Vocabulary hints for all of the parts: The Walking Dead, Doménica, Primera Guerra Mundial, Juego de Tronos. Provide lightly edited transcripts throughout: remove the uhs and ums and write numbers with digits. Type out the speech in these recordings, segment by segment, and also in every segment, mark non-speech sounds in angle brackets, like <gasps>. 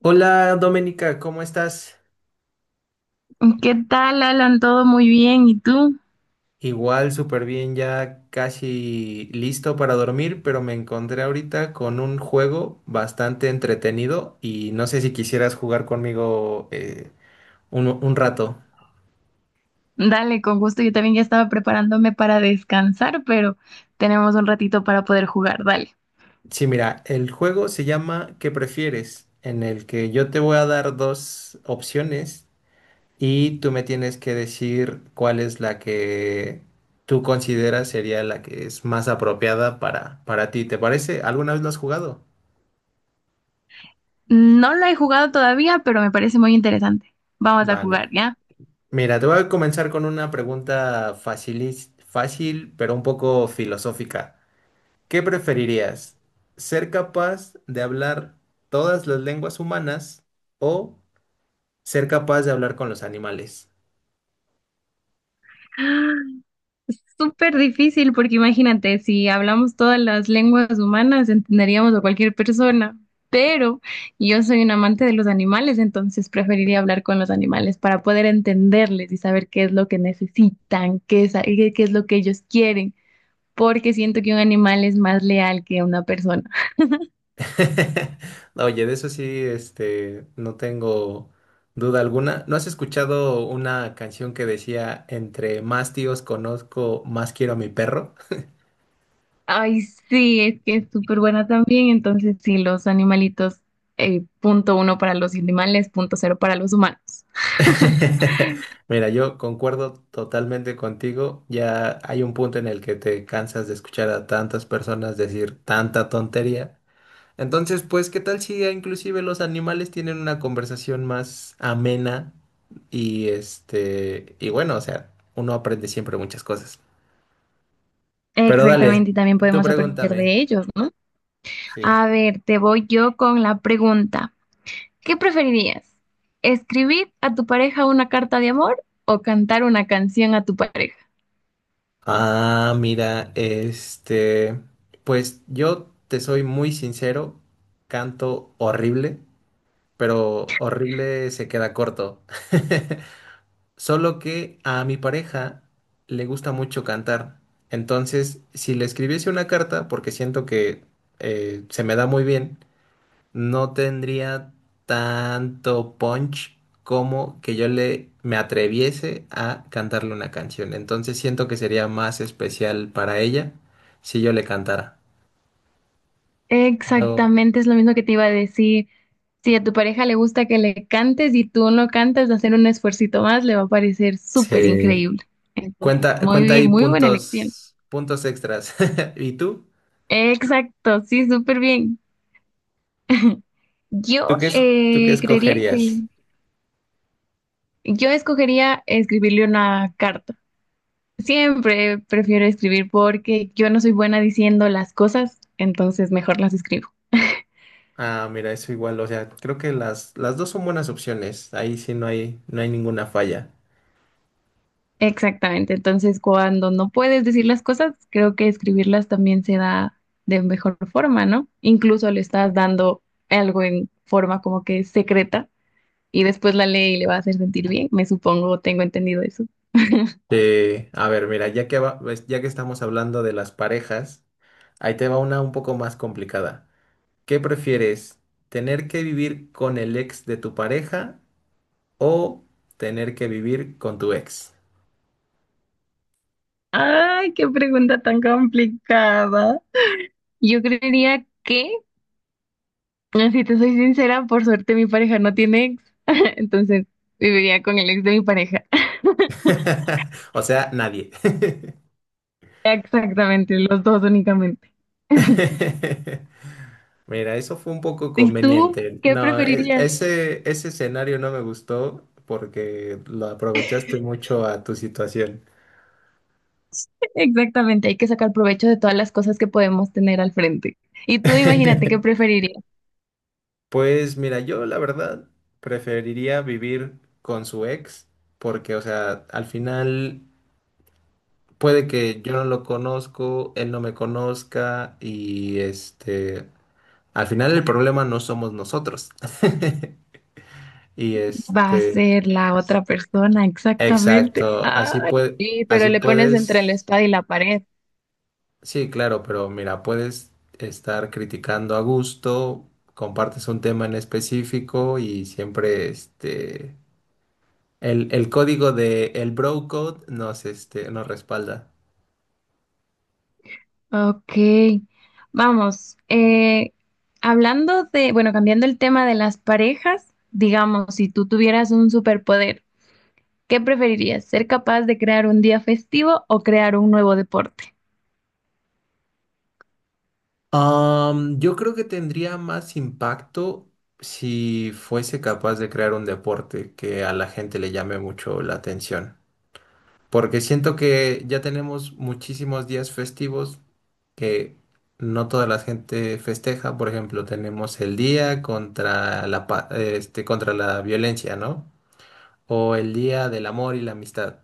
Hola Doménica, ¿cómo estás? ¿Qué tal, Alan? ¿Todo muy bien? ¿Y tú? Igual, súper bien, ya casi listo para dormir, pero me encontré ahorita con un juego bastante entretenido y no sé si quisieras jugar conmigo un rato. Dale, con gusto. Yo también ya estaba preparándome para descansar, pero tenemos un ratito para poder jugar. Dale. Sí, mira, el juego se llama ¿Qué prefieres? En el que yo te voy a dar dos opciones y tú me tienes que decir cuál es la que tú consideras sería la que es más apropiada para ti. ¿Te parece? ¿Alguna vez lo has jugado? No lo he jugado todavía, pero me parece muy interesante. Vamos a Vale. jugar, ¿ya? Mira, te voy a comenzar con una pregunta fácil, pero un poco filosófica. ¿Qué preferirías? ¿Ser capaz de hablar todas las lenguas humanas o ser capaz de hablar con los animales? <gasps> Súper difícil porque imagínate, si hablamos todas las lenguas humanas, entenderíamos a cualquier persona, pero yo soy un amante de los animales, entonces preferiría hablar con los animales para poder entenderles y saber qué es lo que necesitan, qué es, qué es lo que ellos quieren. Porque siento que un animal es más leal que una persona. <laughs> Oye, de eso sí, este, no tengo duda alguna. ¿No has escuchado una canción que decía, entre más tíos conozco, más quiero a mi perro? Ay, sí, es que es súper buena también. Entonces, sí, los animalitos, punto uno para los animales, punto cero para los humanos. <laughs> Mira, yo concuerdo totalmente contigo. Ya hay un punto en el que te cansas de escuchar a tantas personas decir tanta tontería. Entonces, pues, ¿qué tal si inclusive los animales tienen una conversación más amena? Y este, y bueno, o sea, uno aprende siempre muchas cosas. Pero Exactamente, dale, y también tú podemos aprender pregúntame. de ellos, ¿no? A Sí. ver, te voy yo con la pregunta. ¿Qué preferirías? ¿Escribir a tu pareja una carta de amor o cantar una canción a tu pareja? Ah, mira, este, pues yo te soy muy sincero, canto horrible, pero horrible se queda corto. <laughs> Solo que a mi pareja le gusta mucho cantar. Entonces, si le escribiese una carta, porque siento que se me da muy bien, no tendría tanto punch como que yo le me atreviese a cantarle una canción. Entonces, siento que sería más especial para ella si yo le cantara. Pero Exactamente, es lo mismo que te iba a decir. Si a tu pareja le gusta que le cantes y tú no cantas, hacer un esfuercito más le va a parecer súper sí. increíble. Entonces, Cuenta, muy cuenta bien, ahí muy buena elección. puntos, puntos extras. <laughs> ¿Y tú? Exacto, sí, súper bien. <laughs> ¿Tú Yo qué, es- ¿Tú qué creería que escogerías? yo escogería escribirle una carta. Siempre prefiero escribir porque yo no soy buena diciendo las cosas, entonces mejor las escribo. Ah, mira, eso igual, o sea, creo que las dos son buenas opciones. Ahí sí no hay ninguna falla. Exactamente. Entonces, cuando no puedes decir las cosas, creo que escribirlas también se da de mejor forma, ¿no? Incluso le estás dando algo en forma como que secreta y después la lee y le va a hacer sentir bien. Me supongo, tengo entendido eso. A ver, mira, pues, ya que estamos hablando de las parejas, ahí te va una un poco más complicada. ¿Qué prefieres? ¿Tener que vivir con el ex de tu pareja o tener que vivir con tu ex? Ay, qué pregunta tan complicada. Yo creería que, si te soy sincera, por suerte mi pareja no tiene ex, <laughs> entonces viviría con el ex de mi pareja. <laughs> O sea, nadie. <laughs> Exactamente, los dos únicamente. <laughs> Mira, eso fue un poco ¿Y tú conveniente. qué No, preferirías? Ese escenario no me gustó porque lo aprovechaste mucho a tu situación. Exactamente, hay que sacar provecho de todas las cosas que podemos tener al frente. Y tú imagínate qué <laughs> preferirías. Pues mira, yo la verdad preferiría vivir con su ex porque, o sea, al final puede que yo no lo conozco, él no me conozca y este, al final el problema no somos nosotros. <laughs> Y Va a este, ser la otra persona, exactamente. exacto, así Ay, puede, sí, pero así le pones entre puedes. la espada y la pared. Sí, claro, pero mira, puedes estar criticando a gusto, compartes un tema en específico y siempre este el código de el bro code nos este nos respalda. Ok, vamos. Hablando de, bueno, cambiando el tema de las parejas, digamos, si tú tuvieras un superpoder, ¿qué preferirías? ¿Ser capaz de crear un día festivo o crear un nuevo deporte? Am, yo creo que tendría más impacto si fuese capaz de crear un deporte que a la gente le llame mucho la atención, porque siento que ya tenemos muchísimos días festivos que no toda la gente festeja. Por ejemplo, tenemos el día contra contra la violencia, ¿no? O el día del amor y la amistad,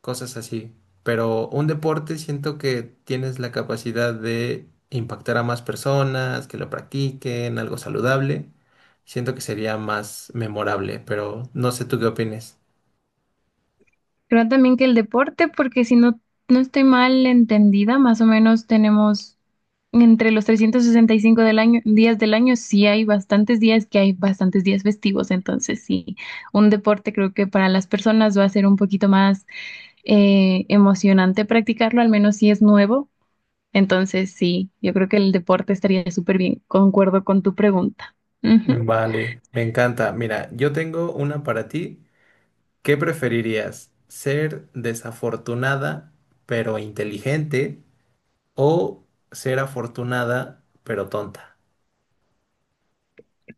cosas así. Pero un deporte siento que tienes la capacidad de impactar a más personas, que lo practiquen, algo saludable. Siento que sería más memorable, pero no sé tú qué opines. Creo también que el deporte, porque si no, no estoy mal entendida, más o menos tenemos entre los 365 del año, días del año, sí hay bastantes días que hay bastantes días festivos, entonces sí, un deporte creo que para las personas va a ser un poquito más emocionante practicarlo, al menos si es nuevo, entonces sí, yo creo que el deporte estaría súper bien, concuerdo con tu pregunta. Ujú. Vale, me encanta. Mira, yo tengo una para ti. ¿Qué preferirías? ¿Ser desafortunada pero inteligente o ser afortunada pero tonta?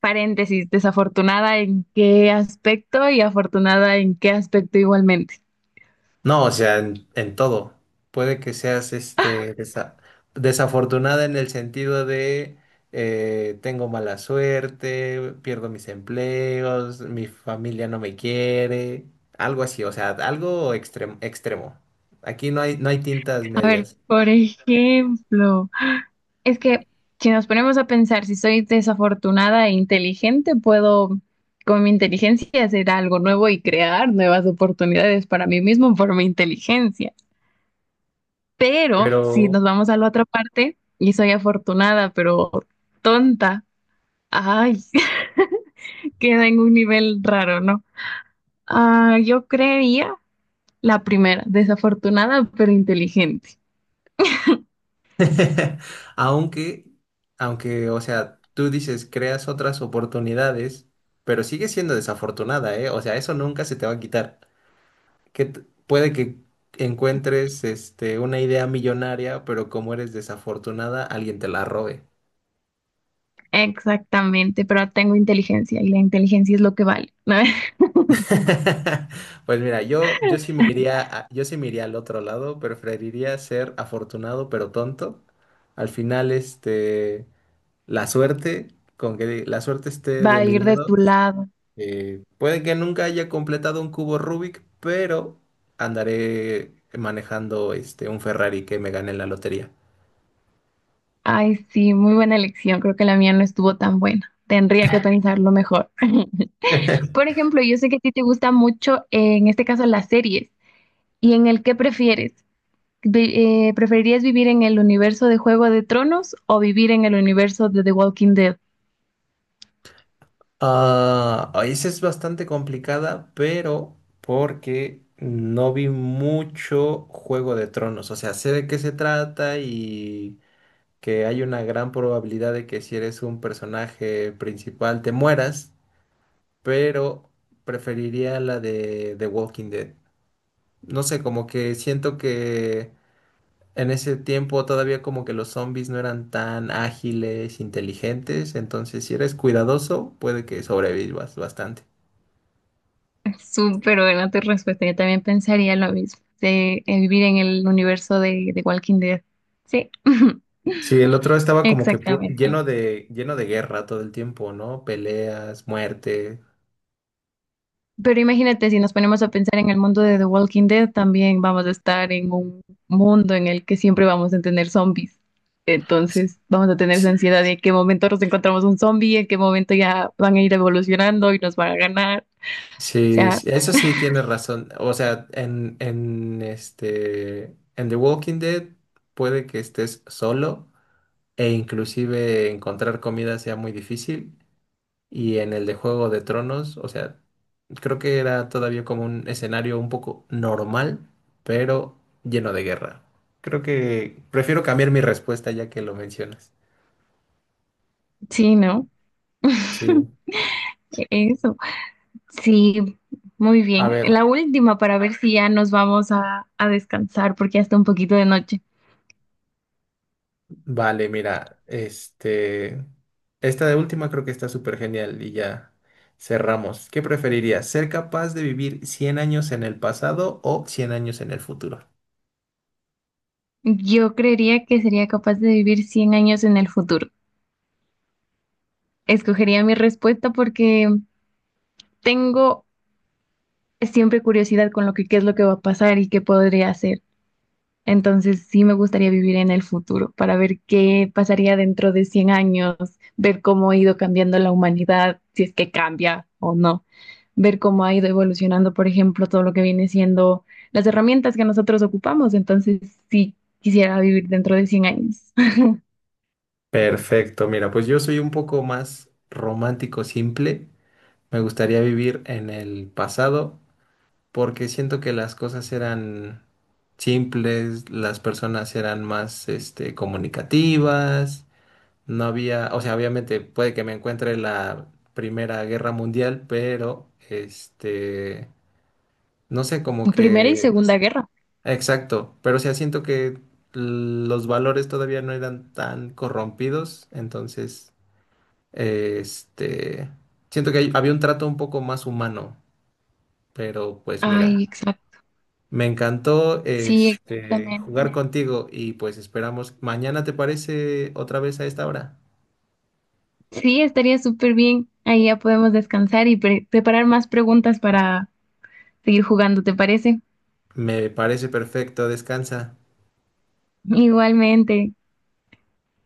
Paréntesis, desafortunada en qué aspecto y afortunada en qué aspecto igualmente. No, o sea, en todo. Puede que seas desafortunada en el sentido de tengo mala suerte, pierdo mis empleos, mi familia no me quiere, algo así, o sea, extremo. Aquí no hay tintas A ver, medias. por ejemplo, es que si nos ponemos a pensar, si soy desafortunada e inteligente, puedo con mi inteligencia hacer algo nuevo y crear nuevas oportunidades para mí mismo por mi inteligencia. Pero si Pero nos vamos a la otra parte y soy afortunada, pero tonta, ay, <laughs> queda en un nivel raro, ¿no? Ah, yo creería la primera, desafortunada pero inteligente. <laughs> aunque, aunque, o sea, tú dices creas otras oportunidades, pero sigues siendo desafortunada, ¿eh? O sea, eso nunca se te va a quitar. que t- puede que encuentres este, una idea millonaria, pero como eres desafortunada, alguien te la robe. Exactamente, pero tengo inteligencia y la inteligencia es lo que vale, ¿no? <laughs> <laughs> Pues mira, yo sí me yo sí me iría al otro lado, preferiría ser afortunado pero tonto. Al final, este, la suerte, con que la suerte esté Va de a mi ir de lado, tu lado. Puede que nunca haya completado un cubo Rubik, pero andaré manejando este, un Ferrari que me gane en la lotería. Ay, sí, muy buena elección. Creo que la mía no estuvo tan buena. Tendría que pensarlo mejor. <laughs> <laughs> Por ejemplo, yo sé que a ti te gusta mucho, en este caso, las series. ¿Y en el qué prefieres? ¿Preferirías vivir en el universo de Juego de Tronos o vivir en el universo de The Walking Dead? Ah, esa es bastante complicada, pero porque no vi mucho Juego de Tronos. O sea, sé de qué se trata y que hay una gran probabilidad de que si eres un personaje principal te mueras, pero preferiría la de The Walking Dead. No sé, como que siento que en ese tiempo todavía como que los zombies no eran tan ágiles, inteligentes, entonces si eres cuidadoso, puede que sobrevivas bastante. Súper buena tu respuesta. Yo también pensaría lo mismo, de, vivir en el universo de The Walking Dead. Sí. <laughs> Sí, el otro estaba como que Exactamente. Lleno de guerra todo el tiempo, ¿no? Peleas, muerte. Pero imagínate, si nos ponemos a pensar en el mundo de The Walking Dead, también vamos a estar en un mundo en el que siempre vamos a tener zombies. Sí, Entonces, vamos a tener esa sí, ansiedad de en qué momento nos encontramos un zombie, en qué momento ya van a ir evolucionando y nos van a ganar. O sí, sea, sí, eso sí tienes razón. O sea, en The Walking Dead puede que estés solo e inclusive encontrar comida sea muy difícil. Y en el de Juego de Tronos, o sea, creo que era todavía como un escenario un poco normal, pero lleno de guerra. Creo que prefiero cambiar mi respuesta ya que lo mencionas. sí, ¿no? Sí. <laughs> Eso. Sí, muy A bien. ver, La última para ver si ya nos vamos a descansar porque ya está un poquito de noche. vale, mira, este, esta de última creo que está súper genial y ya cerramos. ¿Qué preferirías? ¿Ser capaz de vivir 100 años en el pasado o 100 años en el futuro? Yo creería que sería capaz de vivir 100 años en el futuro. Escogería mi respuesta porque tengo siempre curiosidad con lo que qué es lo que va a pasar y qué podría hacer. Entonces sí me gustaría vivir en el futuro para ver qué pasaría dentro de 100 años, ver cómo ha ido cambiando la humanidad, si es que cambia o no, ver cómo ha ido evolucionando, por ejemplo, todo lo que viene siendo las herramientas que nosotros ocupamos. Entonces sí quisiera vivir dentro de 100 años. Perfecto, mira, pues yo soy un poco más romántico, simple. Me gustaría vivir en el pasado porque siento que las cosas eran simples, las personas eran más, este, comunicativas. No había, o sea, obviamente puede que me encuentre la Primera Guerra Mundial, pero este, no sé, como <laughs> Primera y que, Segunda Guerra. exacto, pero o sea, siento que los valores todavía no eran tan corrompidos, entonces, este, siento que había un trato un poco más humano, pero pues Ay, mira, exacto. me encantó Sí, este jugar exactamente. contigo y pues esperamos mañana, ¿te parece otra vez a esta hora? Sí, estaría súper bien. Ahí ya podemos descansar y preparar más preguntas para seguir jugando, ¿te parece? Me parece perfecto, descansa. Igualmente.